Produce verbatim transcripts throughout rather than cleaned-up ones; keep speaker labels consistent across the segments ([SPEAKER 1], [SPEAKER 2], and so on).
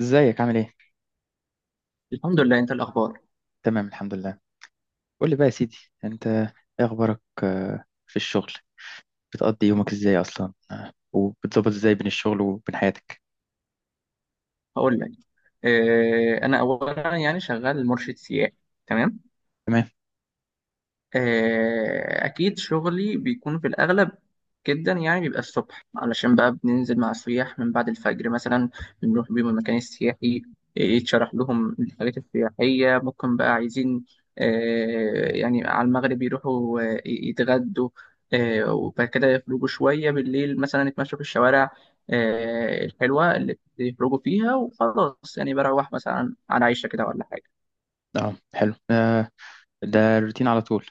[SPEAKER 1] ازيك عامل ايه؟
[SPEAKER 2] الحمد لله. انت الاخبار؟
[SPEAKER 1] تمام الحمد لله. قول لي بقى يا سيدي، انت ايه اخبارك؟ آه، في الشغل بتقضي يومك ازاي اصلا؟ آه، وبتظبط ازاي بين الشغل وبين حياتك؟
[SPEAKER 2] هقول لك. اه انا اولا يعني شغال مرشد سياحي. تمام.
[SPEAKER 1] تمام.
[SPEAKER 2] آه، أكيد شغلي بيكون في الأغلب جدا، يعني بيبقى الصبح علشان بقى بننزل مع السياح من بعد الفجر مثلا. بنروح بيهم المكان السياحي. آه، يتشرح لهم الحاجات السياحية، ممكن بقى عايزين. آه، يعني على المغرب يروحوا آه، يتغدوا. آه، وبعد كده يخرجوا شوية بالليل، مثلا يتمشوا في الشوارع آه، الحلوة اللي يخرجوا فيها. وخلاص يعني بروح مثلا على عيشة كده ولا حاجة.
[SPEAKER 1] اه حلو، آه، ده الروتين على طول؟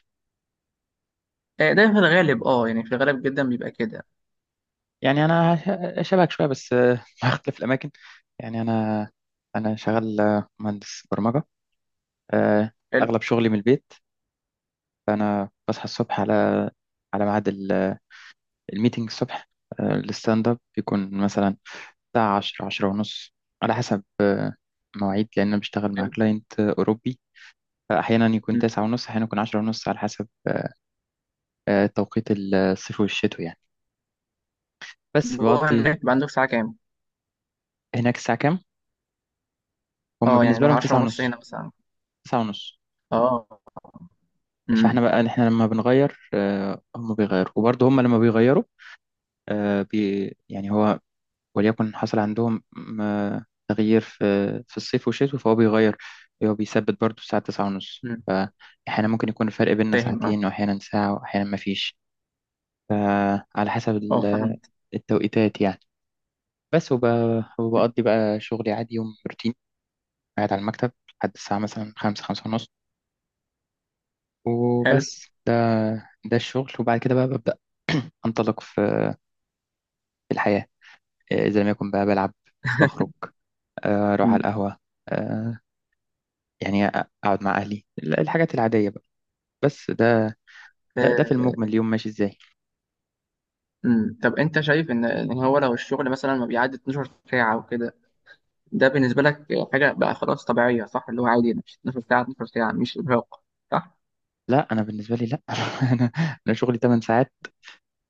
[SPEAKER 2] آه، ده في الغالب، اه يعني في الغالب جدا بيبقى كده.
[SPEAKER 1] يعني انا ش- شبهك شويه بس، آه، مع اختلاف الاماكن. يعني انا انا شغال آه، مهندس برمجه. آه، اغلب شغلي من البيت، فانا بصحى الصبح على على ميعاد ال- آه، الميتنج الصبح. آه، الستاند اب بيكون مثلا الساعة عشرة عشرة ونص، على حسب آه، مواعيد، لأن أنا بشتغل مع
[SPEAKER 2] حلو.
[SPEAKER 1] كلاينت آه، أوروبي. فأحيانا يكون
[SPEAKER 2] مم.
[SPEAKER 1] تسعة ونص، أحيانا يكون عشرة ونص، على حسب آه، آه، توقيت الصيف والشتو يعني. بس
[SPEAKER 2] طب هو
[SPEAKER 1] بقضي.
[SPEAKER 2] هناك بيبقى عندك ساعة كام؟
[SPEAKER 1] هناك الساعة كام؟ هم
[SPEAKER 2] اه، يعني
[SPEAKER 1] بالنسبة
[SPEAKER 2] لو
[SPEAKER 1] لهم
[SPEAKER 2] عشرة
[SPEAKER 1] تسعة
[SPEAKER 2] ونص هنا
[SPEAKER 1] ونص.
[SPEAKER 2] مثلا.
[SPEAKER 1] تسعة ونص.
[SPEAKER 2] اه.
[SPEAKER 1] فاحنا
[SPEAKER 2] امم.
[SPEAKER 1] بقى احنا لما بنغير، آه، هم بيغيروا، وبرضه هم لما بيغيروا آه، بي يعني هو وليكن حصل عندهم م- تغيير في في الصيف والشتاء فهو بيغير. هو بيثبت برضه الساعة تسعة ونص،
[SPEAKER 2] امم.
[SPEAKER 1] فأحيانا ممكن يكون الفرق بيننا
[SPEAKER 2] فاهم، اه.
[SPEAKER 1] ساعتين، وأحيانا ساعة، وأحيانا مفيش، على حسب
[SPEAKER 2] اه،
[SPEAKER 1] ال-
[SPEAKER 2] فاهم.
[SPEAKER 1] التوقيتات يعني. بس وب... وبقضي بقى شغلي عادي، يوم روتين، قاعد على المكتب لحد الساعة مثلا خمسة خمسة ونص.
[SPEAKER 2] حلو.
[SPEAKER 1] وبس ده، ده الشغل. وبعد كده بقى ببدأ أنطلق في في الحياة. إذا لم يكن بقى بلعب، بخرج، آه، أروح على
[SPEAKER 2] مم.
[SPEAKER 1] القهوة، آه، يعني اقعد مع اهلي ال- الحاجات العاديه بقى. بس ده، ده ده في
[SPEAKER 2] آه.
[SPEAKER 1] المجمل اليوم ماشي ازاي.
[SPEAKER 2] مم. طب انت شايف ان ان هو لو الشغل مثلا ما بيعدي اتناشر ساعة وكده ده بالنسبة لك حاجة بقى خلاص طبيعية، صح؟ اللي هو عادي ده مش اتناشر ساعة، اتناشر ساعة مش إرهاق، صح؟
[SPEAKER 1] لا، انا بالنسبه لي لا. انا انا شغلي تمن ساعات،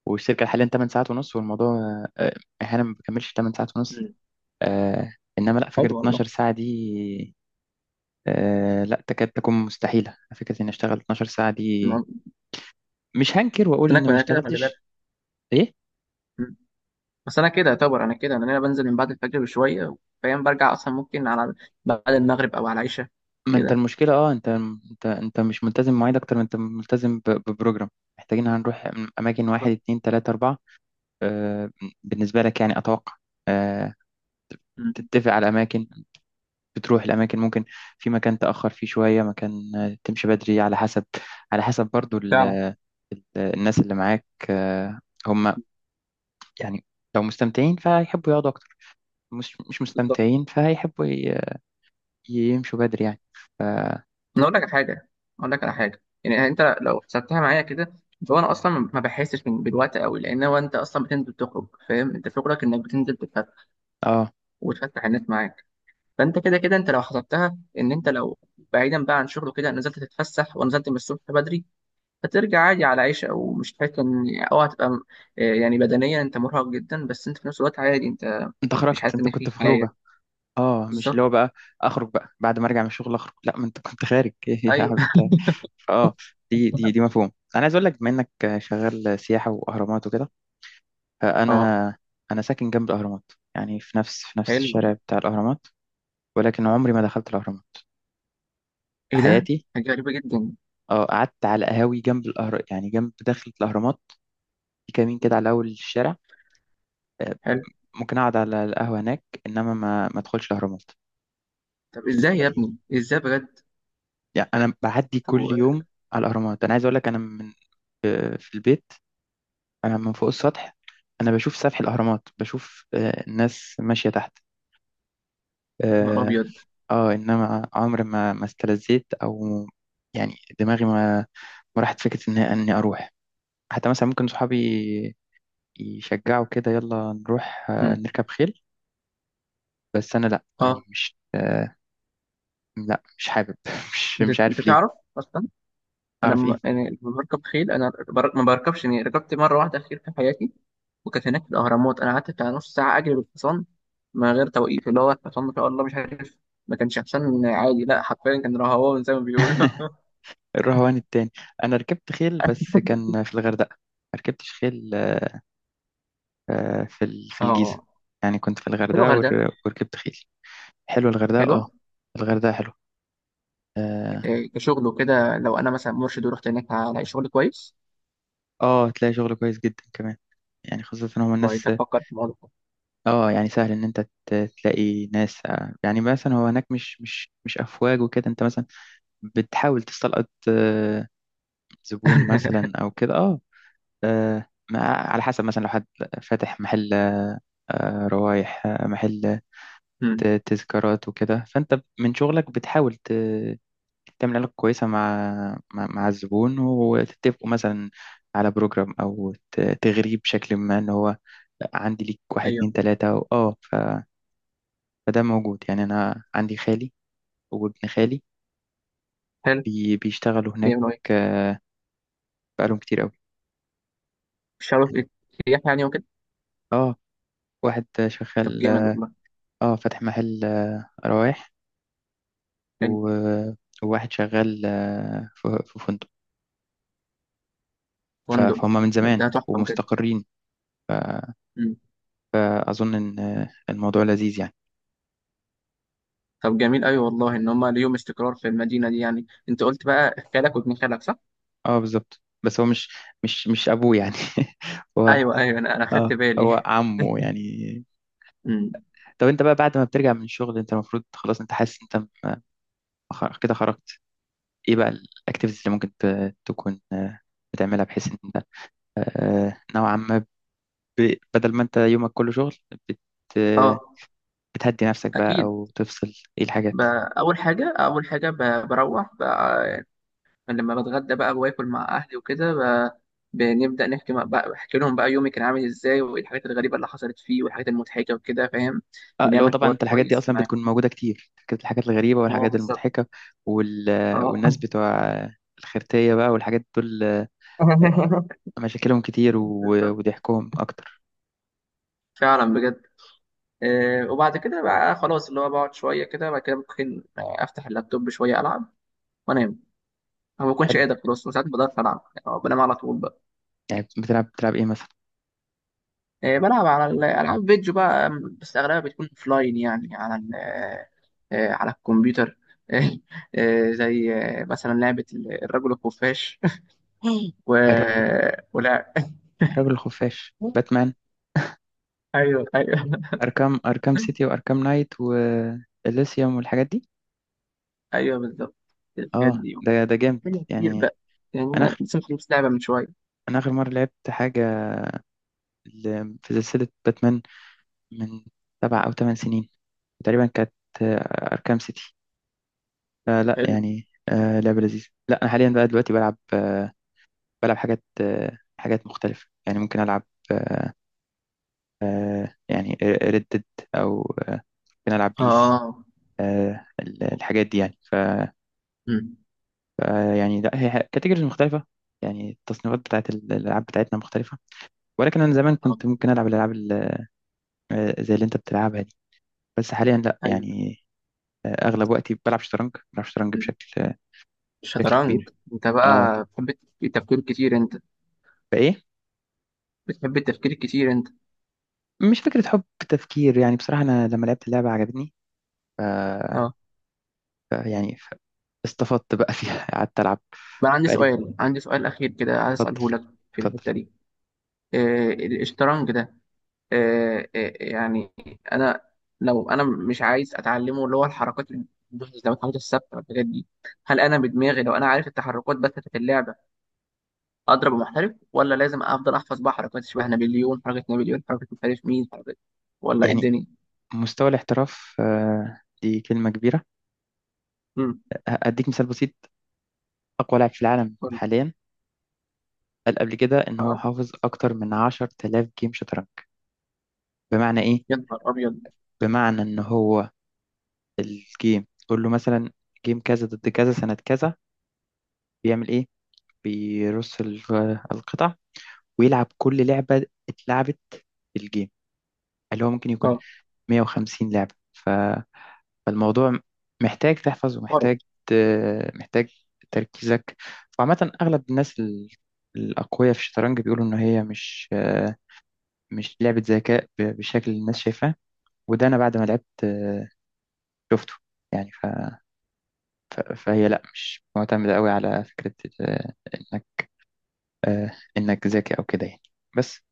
[SPEAKER 1] والشركه حاليا تمن ساعات ونص، والموضوع آه، آه، احيانا ما بكملش تمن ساعات ونص.
[SPEAKER 2] مم.
[SPEAKER 1] آه، انما لا، فكره
[SPEAKER 2] حلو والله.
[SPEAKER 1] اتناشر ساعه دي، آه، لا تكاد تكون مستحيله، فكره اني اشتغل اتناشر ساعه دي.
[SPEAKER 2] ما-
[SPEAKER 1] مش هنكر
[SPEAKER 2] بس
[SPEAKER 1] واقول
[SPEAKER 2] انا
[SPEAKER 1] اني
[SPEAKER 2] كنت-
[SPEAKER 1] ما
[SPEAKER 2] أنا كده خلي بالك.
[SPEAKER 1] اشتغلتش. ايه.
[SPEAKER 2] مم. بس انا كده يعتبر، انا كده لأن انا بنزل من بعد الفجر بشوية، فاهم؟ برجع اصلا ممكن على بعد المغرب او على العشاء
[SPEAKER 1] ما انت
[SPEAKER 2] كده.
[SPEAKER 1] المشكله، اه، انت انت انت مش ملتزم بمواعيد، اكتر ما انت ملتزم ب- ببروجرام. محتاجين هنروح اماكن واحد اتنين تلاته اربعه، آه، بالنسبة لك يعني أتوقع، آه،
[SPEAKER 2] مم.
[SPEAKER 1] تتفق على أماكن، بتروح الأماكن. ممكن في مكان تأخر فيه شوية، مكان آه، تمشي بدري، على حسب على حسب برضو ال-
[SPEAKER 2] فعلا.
[SPEAKER 1] ال- الناس اللي معاك. آه، هم يعني لو مستمتعين فهيحبوا يقعدوا أكتر، مش مش
[SPEAKER 2] بالظبط.
[SPEAKER 1] مستمتعين فهيحبوا ي- يمشوا بدري يعني.
[SPEAKER 2] انا اقول لك على حاجه، اقول لك على حاجه، يعني انت لو حسبتها معايا كده، فهو انا اصلا ما بحسش من- بالوقت قوي، لان هو انت اصلا بتنزل تخرج، فاهم؟ انت شغلك انك بتنزل تتفتح
[SPEAKER 1] اه،
[SPEAKER 2] وتفتح الناس معاك. فانت كده كده، انت لو حسبتها ان انت لو بعيدا بقى عن شغله كده، نزلت تتفسح ونزلت من الصبح بدري، هترجع عادي على عيشه او مش تحس ان او هتبقى م- آه يعني بدنيا انت مرهق جدا، بس انت في نفس الوقت عادي، انت
[SPEAKER 1] انت
[SPEAKER 2] مش
[SPEAKER 1] خرجت،
[SPEAKER 2] حاسس
[SPEAKER 1] انت
[SPEAKER 2] ان
[SPEAKER 1] كنت
[SPEAKER 2] في
[SPEAKER 1] في خروجة.
[SPEAKER 2] حاجه.
[SPEAKER 1] اه، مش اللي
[SPEAKER 2] بالظبط.
[SPEAKER 1] هو بقى اخرج بقى بعد ما ارجع من الشغل اخرج، لا، ما انت كنت خارج. ايه يا عم
[SPEAKER 2] ايوه.
[SPEAKER 1] انت. اه. دي دي دي مفهوم. انا عايز اقول لك، بما انك شغال سياحه واهرامات وكده،
[SPEAKER 2] اه.
[SPEAKER 1] فانا انا ساكن جنب الاهرامات، يعني في نفس في نفس
[SPEAKER 2] حلو.
[SPEAKER 1] الشارع بتاع الاهرامات، ولكن عمري ما دخلت الاهرامات في
[SPEAKER 2] ايه ده؟
[SPEAKER 1] حياتي.
[SPEAKER 2] حاجه غريبه جدا.
[SPEAKER 1] اه، قعدت على قهاوي جنب الاهرام، يعني جنب دخلة الاهرامات في كمين كده على اول الشارع. آه، ممكن اقعد على القهوه هناك، انما ما ما ادخلش الاهرامات.
[SPEAKER 2] طب ازاي يا
[SPEAKER 1] فدي
[SPEAKER 2] ابني؟ ازاي بجد؟
[SPEAKER 1] يعني. انا بعدي
[SPEAKER 2] طب
[SPEAKER 1] كل
[SPEAKER 2] و-
[SPEAKER 1] يوم على الاهرامات. انا عايز اقول لك، انا من في في البيت، أنا من فوق السطح أنا بشوف سفح الأهرامات، بشوف آه، الناس ماشية تحت.
[SPEAKER 2] يا نهار
[SPEAKER 1] آه,
[SPEAKER 2] ابيض.
[SPEAKER 1] آه إنما عمري ما ما استلذيت، أو يعني دماغي ما ما راحت فكرة إن إني أروح. حتى مثلا ممكن صحابي يشجعوا كده، يلا نروح آه،
[SPEAKER 2] مم.
[SPEAKER 1] نركب خيل، بس أنا لأ،
[SPEAKER 2] اه.
[SPEAKER 1] يعني مش آه، لأ مش حابب. مش
[SPEAKER 2] انت
[SPEAKER 1] مش
[SPEAKER 2] انت
[SPEAKER 1] عارف ليه.
[SPEAKER 2] تعرف اصلا. انا
[SPEAKER 1] أعرف
[SPEAKER 2] م...
[SPEAKER 1] إيه.
[SPEAKER 2] انا لما بركب خيل انا بر... ما بركبش. يعني ركبت مره واحده خيل في حياتي، وكانت هناك في الاهرامات. انا قعدت بتاع نص ساعه اجري بالحصان من غير توقيف، اللي هو الحصان ما شاء الله، مش عارف، ما كانش حصان عادي، لا حرفيا كان رهوان زي ما بيقولوا.
[SPEAKER 1] الرهوان التاني. أنا ركبت خيل بس كان في الغردقة، ما ركبتش خيل آه، في ال- في الجيزة.
[SPEAKER 2] اه.
[SPEAKER 1] يعني كنت في
[SPEAKER 2] حلو
[SPEAKER 1] الغردقة
[SPEAKER 2] غير ده؟
[SPEAKER 1] ور- وركبت خيل. حلوة الغردقة
[SPEAKER 2] حلوه.
[SPEAKER 1] اه. الغردقة حلوة. اه.
[SPEAKER 2] إيه، كشغل وكده لو انا مثلا مرشد ورحت هناك هلاقي شغل كويس؟
[SPEAKER 1] آه، تلاقي شغل كويس جدا كمان. يعني خاصة ان هو
[SPEAKER 2] كويس،
[SPEAKER 1] الناس،
[SPEAKER 2] افكر في الموضوع.
[SPEAKER 1] اه يعني سهل ان انت ت- تلاقي ناس آه، يعني مثلا. هو هناك مش مش مش افواج وكده. انت مثلا بتحاول تستلقط آه، زبون مثلا او كده اه. آه، ما- على حسب مثلا لو حد فاتح محل آه، روايح، آه، محل
[SPEAKER 2] مم.
[SPEAKER 1] ت- تذكارات وكده، فانت من شغلك بتحاول تعمل علاقة كويسة مع مع, مع الزبون، وتتفقوا مثلا على بروجرام، أو ت- تغريه بشكل ما إن هو عندي ليك واحد اتنين
[SPEAKER 2] ايوه.
[SPEAKER 1] تلاتة و- اه ف... فده موجود يعني. أنا عندي خالي وابن خالي
[SPEAKER 2] حلو.
[SPEAKER 1] بي... بيشتغلوا هناك.
[SPEAKER 2] بيعملوا إيه؟
[SPEAKER 1] آه، بقالهم كتير أوي
[SPEAKER 2] مش عارف
[SPEAKER 1] يعني.
[SPEAKER 2] ايه، سياح يعني وكده؟
[SPEAKER 1] اه، واحد
[SPEAKER 2] طب
[SPEAKER 1] شغال
[SPEAKER 2] جامد والله.
[SPEAKER 1] اه فاتح محل آه، روايح، و...
[SPEAKER 2] حلو.
[SPEAKER 1] وواحد شغال آه، في في فندق. ف...
[SPEAKER 2] فندق.
[SPEAKER 1] فهم من
[SPEAKER 2] ده,
[SPEAKER 1] زمان
[SPEAKER 2] ده تحفه بجد.
[SPEAKER 1] ومستقرين.
[SPEAKER 2] مم.
[SPEAKER 1] فأظن إن آه، الموضوع لذيذ يعني.
[SPEAKER 2] طب جميل أوي والله ان هم ليهم استقرار في المدينه دي. يعني انت قلت بقى خالك وابن خالك، صح؟
[SPEAKER 1] اه بالظبط، بس هو مش مش مش ابوه يعني. هو
[SPEAKER 2] ايوه، ايوه، انا انا خدت
[SPEAKER 1] اه،
[SPEAKER 2] بالي.
[SPEAKER 1] هو عمه يعني.
[SPEAKER 2] مم.
[SPEAKER 1] طب انت بقى بعد ما بترجع من الشغل، انت المفروض خلاص انت حاسس انت، م- خ- كده خرجت. ايه بقى الاكتيفيتيز اللي ممكن ت- تكون آه، بتعملها، بحيث ان انت آه، نوعا ما ب- بدل ما انت يومك كله شغل، بت
[SPEAKER 2] اه
[SPEAKER 1] بتهدي نفسك بقى
[SPEAKER 2] اكيد.
[SPEAKER 1] او تفصل؟ ايه
[SPEAKER 2] ب-
[SPEAKER 1] الحاجات؟
[SPEAKER 2] اول حاجه اول حاجه، ب- بروح بقى لما بتغدى، بقى واكل مع اهلي وكده. ب- بنبدا نحكي مع- بقى بحكي لهم بقى يومي كان عامل ازاي، وايه الحاجات الغريبه اللي حصلت فيه والحاجات المضحكه وكده، فاهم؟
[SPEAKER 1] اه، اللي هو
[SPEAKER 2] بنعمل
[SPEAKER 1] طبعا
[SPEAKER 2] حوار
[SPEAKER 1] انت الحاجات دي
[SPEAKER 2] كويس
[SPEAKER 1] اصلا
[SPEAKER 2] معاهم.
[SPEAKER 1] بتكون موجوده كتير، الحاجات الغريبه
[SPEAKER 2] اه
[SPEAKER 1] والحاجات
[SPEAKER 2] بالظبط.
[SPEAKER 1] المضحكه وال...
[SPEAKER 2] اه.
[SPEAKER 1] والناس بتوع الخرتيه بقى والحاجات دول، مشاكلهم كتير و-
[SPEAKER 2] بالظبط.
[SPEAKER 1] وضحكهم أكتر.
[SPEAKER 2] فعلا بجد. آه، وبعد كده بقى خلاص اللي هو بقعد شويه كده، بعد كده ممكن آه، افتح اللابتوب شويه العب وانام. أنا ما بكونش
[SPEAKER 1] حلو.
[SPEAKER 2] قادر خلاص، ساعات ما بقدرش العب، يعني آه، بنام على طول بقى.
[SPEAKER 1] يعني بتلعب بتلعب إيه مثلا؟
[SPEAKER 2] آه، بلعب على الالعاب فيديو بقى، م، بس اغلبها بتكون اوفلاين، يعني على ال- آه، آه، على الكمبيوتر. آه، زي آه، مثلا لعبه الرجل الخفاش. و...
[SPEAKER 1] الرجل
[SPEAKER 2] ولا؟
[SPEAKER 1] الرجل الخفاش، باتمان.
[SPEAKER 2] ايوه، ايوه.
[SPEAKER 1] أركام، أركام سيتي وأركام نايت وإليسيوم والحاجات دي.
[SPEAKER 2] ايوه بالظبط، الحاجات
[SPEAKER 1] اه
[SPEAKER 2] دي،
[SPEAKER 1] ده، ده جامد
[SPEAKER 2] حاجة كتير
[SPEAKER 1] يعني.
[SPEAKER 2] بقى. يعني
[SPEAKER 1] أنا
[SPEAKER 2] أنا
[SPEAKER 1] آخر
[SPEAKER 2] لسه مخلص لعبة من شوية.
[SPEAKER 1] أنا آخر مرة لعبت حاجة ل- في سلسلة باتمان من سبع أو ثمان سنين تقريبا، كانت آه، أركام سيتي. فلا
[SPEAKER 2] حلو.
[SPEAKER 1] يعني آه، لعبة لذيذة. لا، أنا حاليا بقى دلوقتي بلعب، آه، بلعب حاجات آه، حاجات مختلفة يعني. ممكن ألعب آه، آه، يعني ردد، او آه، بنلعب بيس
[SPEAKER 2] آه.
[SPEAKER 1] آه، ال- الحاجات دي يعني. ف
[SPEAKER 2] أمم.
[SPEAKER 1] آه، يعني لا، هي كاتيجوريز مختلفه، يعني التصنيفات بتاعت ال- الالعاب بتاعتنا مختلفه. ولكن انا زمان
[SPEAKER 2] آه.
[SPEAKER 1] كنت ممكن العب الالعاب ال- آه، زي اللي انت بتلعبها دي، بس حاليا لا
[SPEAKER 2] أيوه.
[SPEAKER 1] يعني. آه، اغلب وقتي بلعب شطرنج، بلعب شطرنج
[SPEAKER 2] أمم.
[SPEAKER 1] بشكل آه، بشكل
[SPEAKER 2] الشطرنج
[SPEAKER 1] كبير.
[SPEAKER 2] أنت
[SPEAKER 1] اه.
[SPEAKER 2] بقى، بتحب التفكير كتير أنت
[SPEAKER 1] فايه؟
[SPEAKER 2] بتحب التفكير كتير أنت
[SPEAKER 1] مش فكره حب، تفكير يعني. بصراحه انا لما لعبت اللعبه عجبتني، ف
[SPEAKER 2] آه.
[SPEAKER 1] ف- يعني ف- استفدت بقى فيها. قعدت العب.
[SPEAKER 2] بقى عندي
[SPEAKER 1] بقالي.
[SPEAKER 2] سؤال عندي سؤال أخير كده عايز
[SPEAKER 1] اتفضل
[SPEAKER 2] أسأله لك في
[SPEAKER 1] اتفضل.
[SPEAKER 2] الحتة دي. آه، الشطرنج ده، آه آه يعني، أنا لو أنا مش عايز أتعلمه، اللي هو الحركات الحركات الثابتة والحاجات دي، هل أنا بدماغي لو أنا عارف التحركات بس في اللعبة اضرب محترف، ولا لازم افضل احفظ بقى حركات شبه نابليون، حركه نابليون، حركه مش عارف مين، حركه ولا ايه
[SPEAKER 1] يعني
[SPEAKER 2] الدنيا؟
[SPEAKER 1] مستوى الاحتراف آه، دي كلمة كبيرة.
[SPEAKER 2] امم.
[SPEAKER 1] أديك مثال بسيط. أقوى لاعب في العالم
[SPEAKER 2] قول لي.
[SPEAKER 1] حاليا قال قبل كده إن هو
[SPEAKER 2] اه.
[SPEAKER 1] حافظ أكتر من عشر تلاف جيم شطرنج. بمعنى إيه؟
[SPEAKER 2] يا نهار ابيض.
[SPEAKER 1] بمعنى إن هو الجيم تقول له مثلا جيم كذا ضد كذا سنة كذا، بيعمل إيه؟ بيرص الغ- القطع ويلعب كل لعبة اتلعبت في الجيم، اللي هو ممكن يكون مائة وخمسين لعبة. فالموضوع محتاج تحفظ، ومحتاج
[SPEAKER 2] اه.
[SPEAKER 1] ت- محتاج تركيزك. وعامة أغلب الناس ال- الأقوياء في الشطرنج بيقولوا إن هي مش آه، مش لعبة ذكاء ب- بالشكل اللي الناس شايفاه. وده أنا بعد ما لعبت آه، شفته يعني. ف... ف- فهي لأ، مش معتمدة قوي على فكرة آه، إنك إنك ذكي أو كده يعني. بس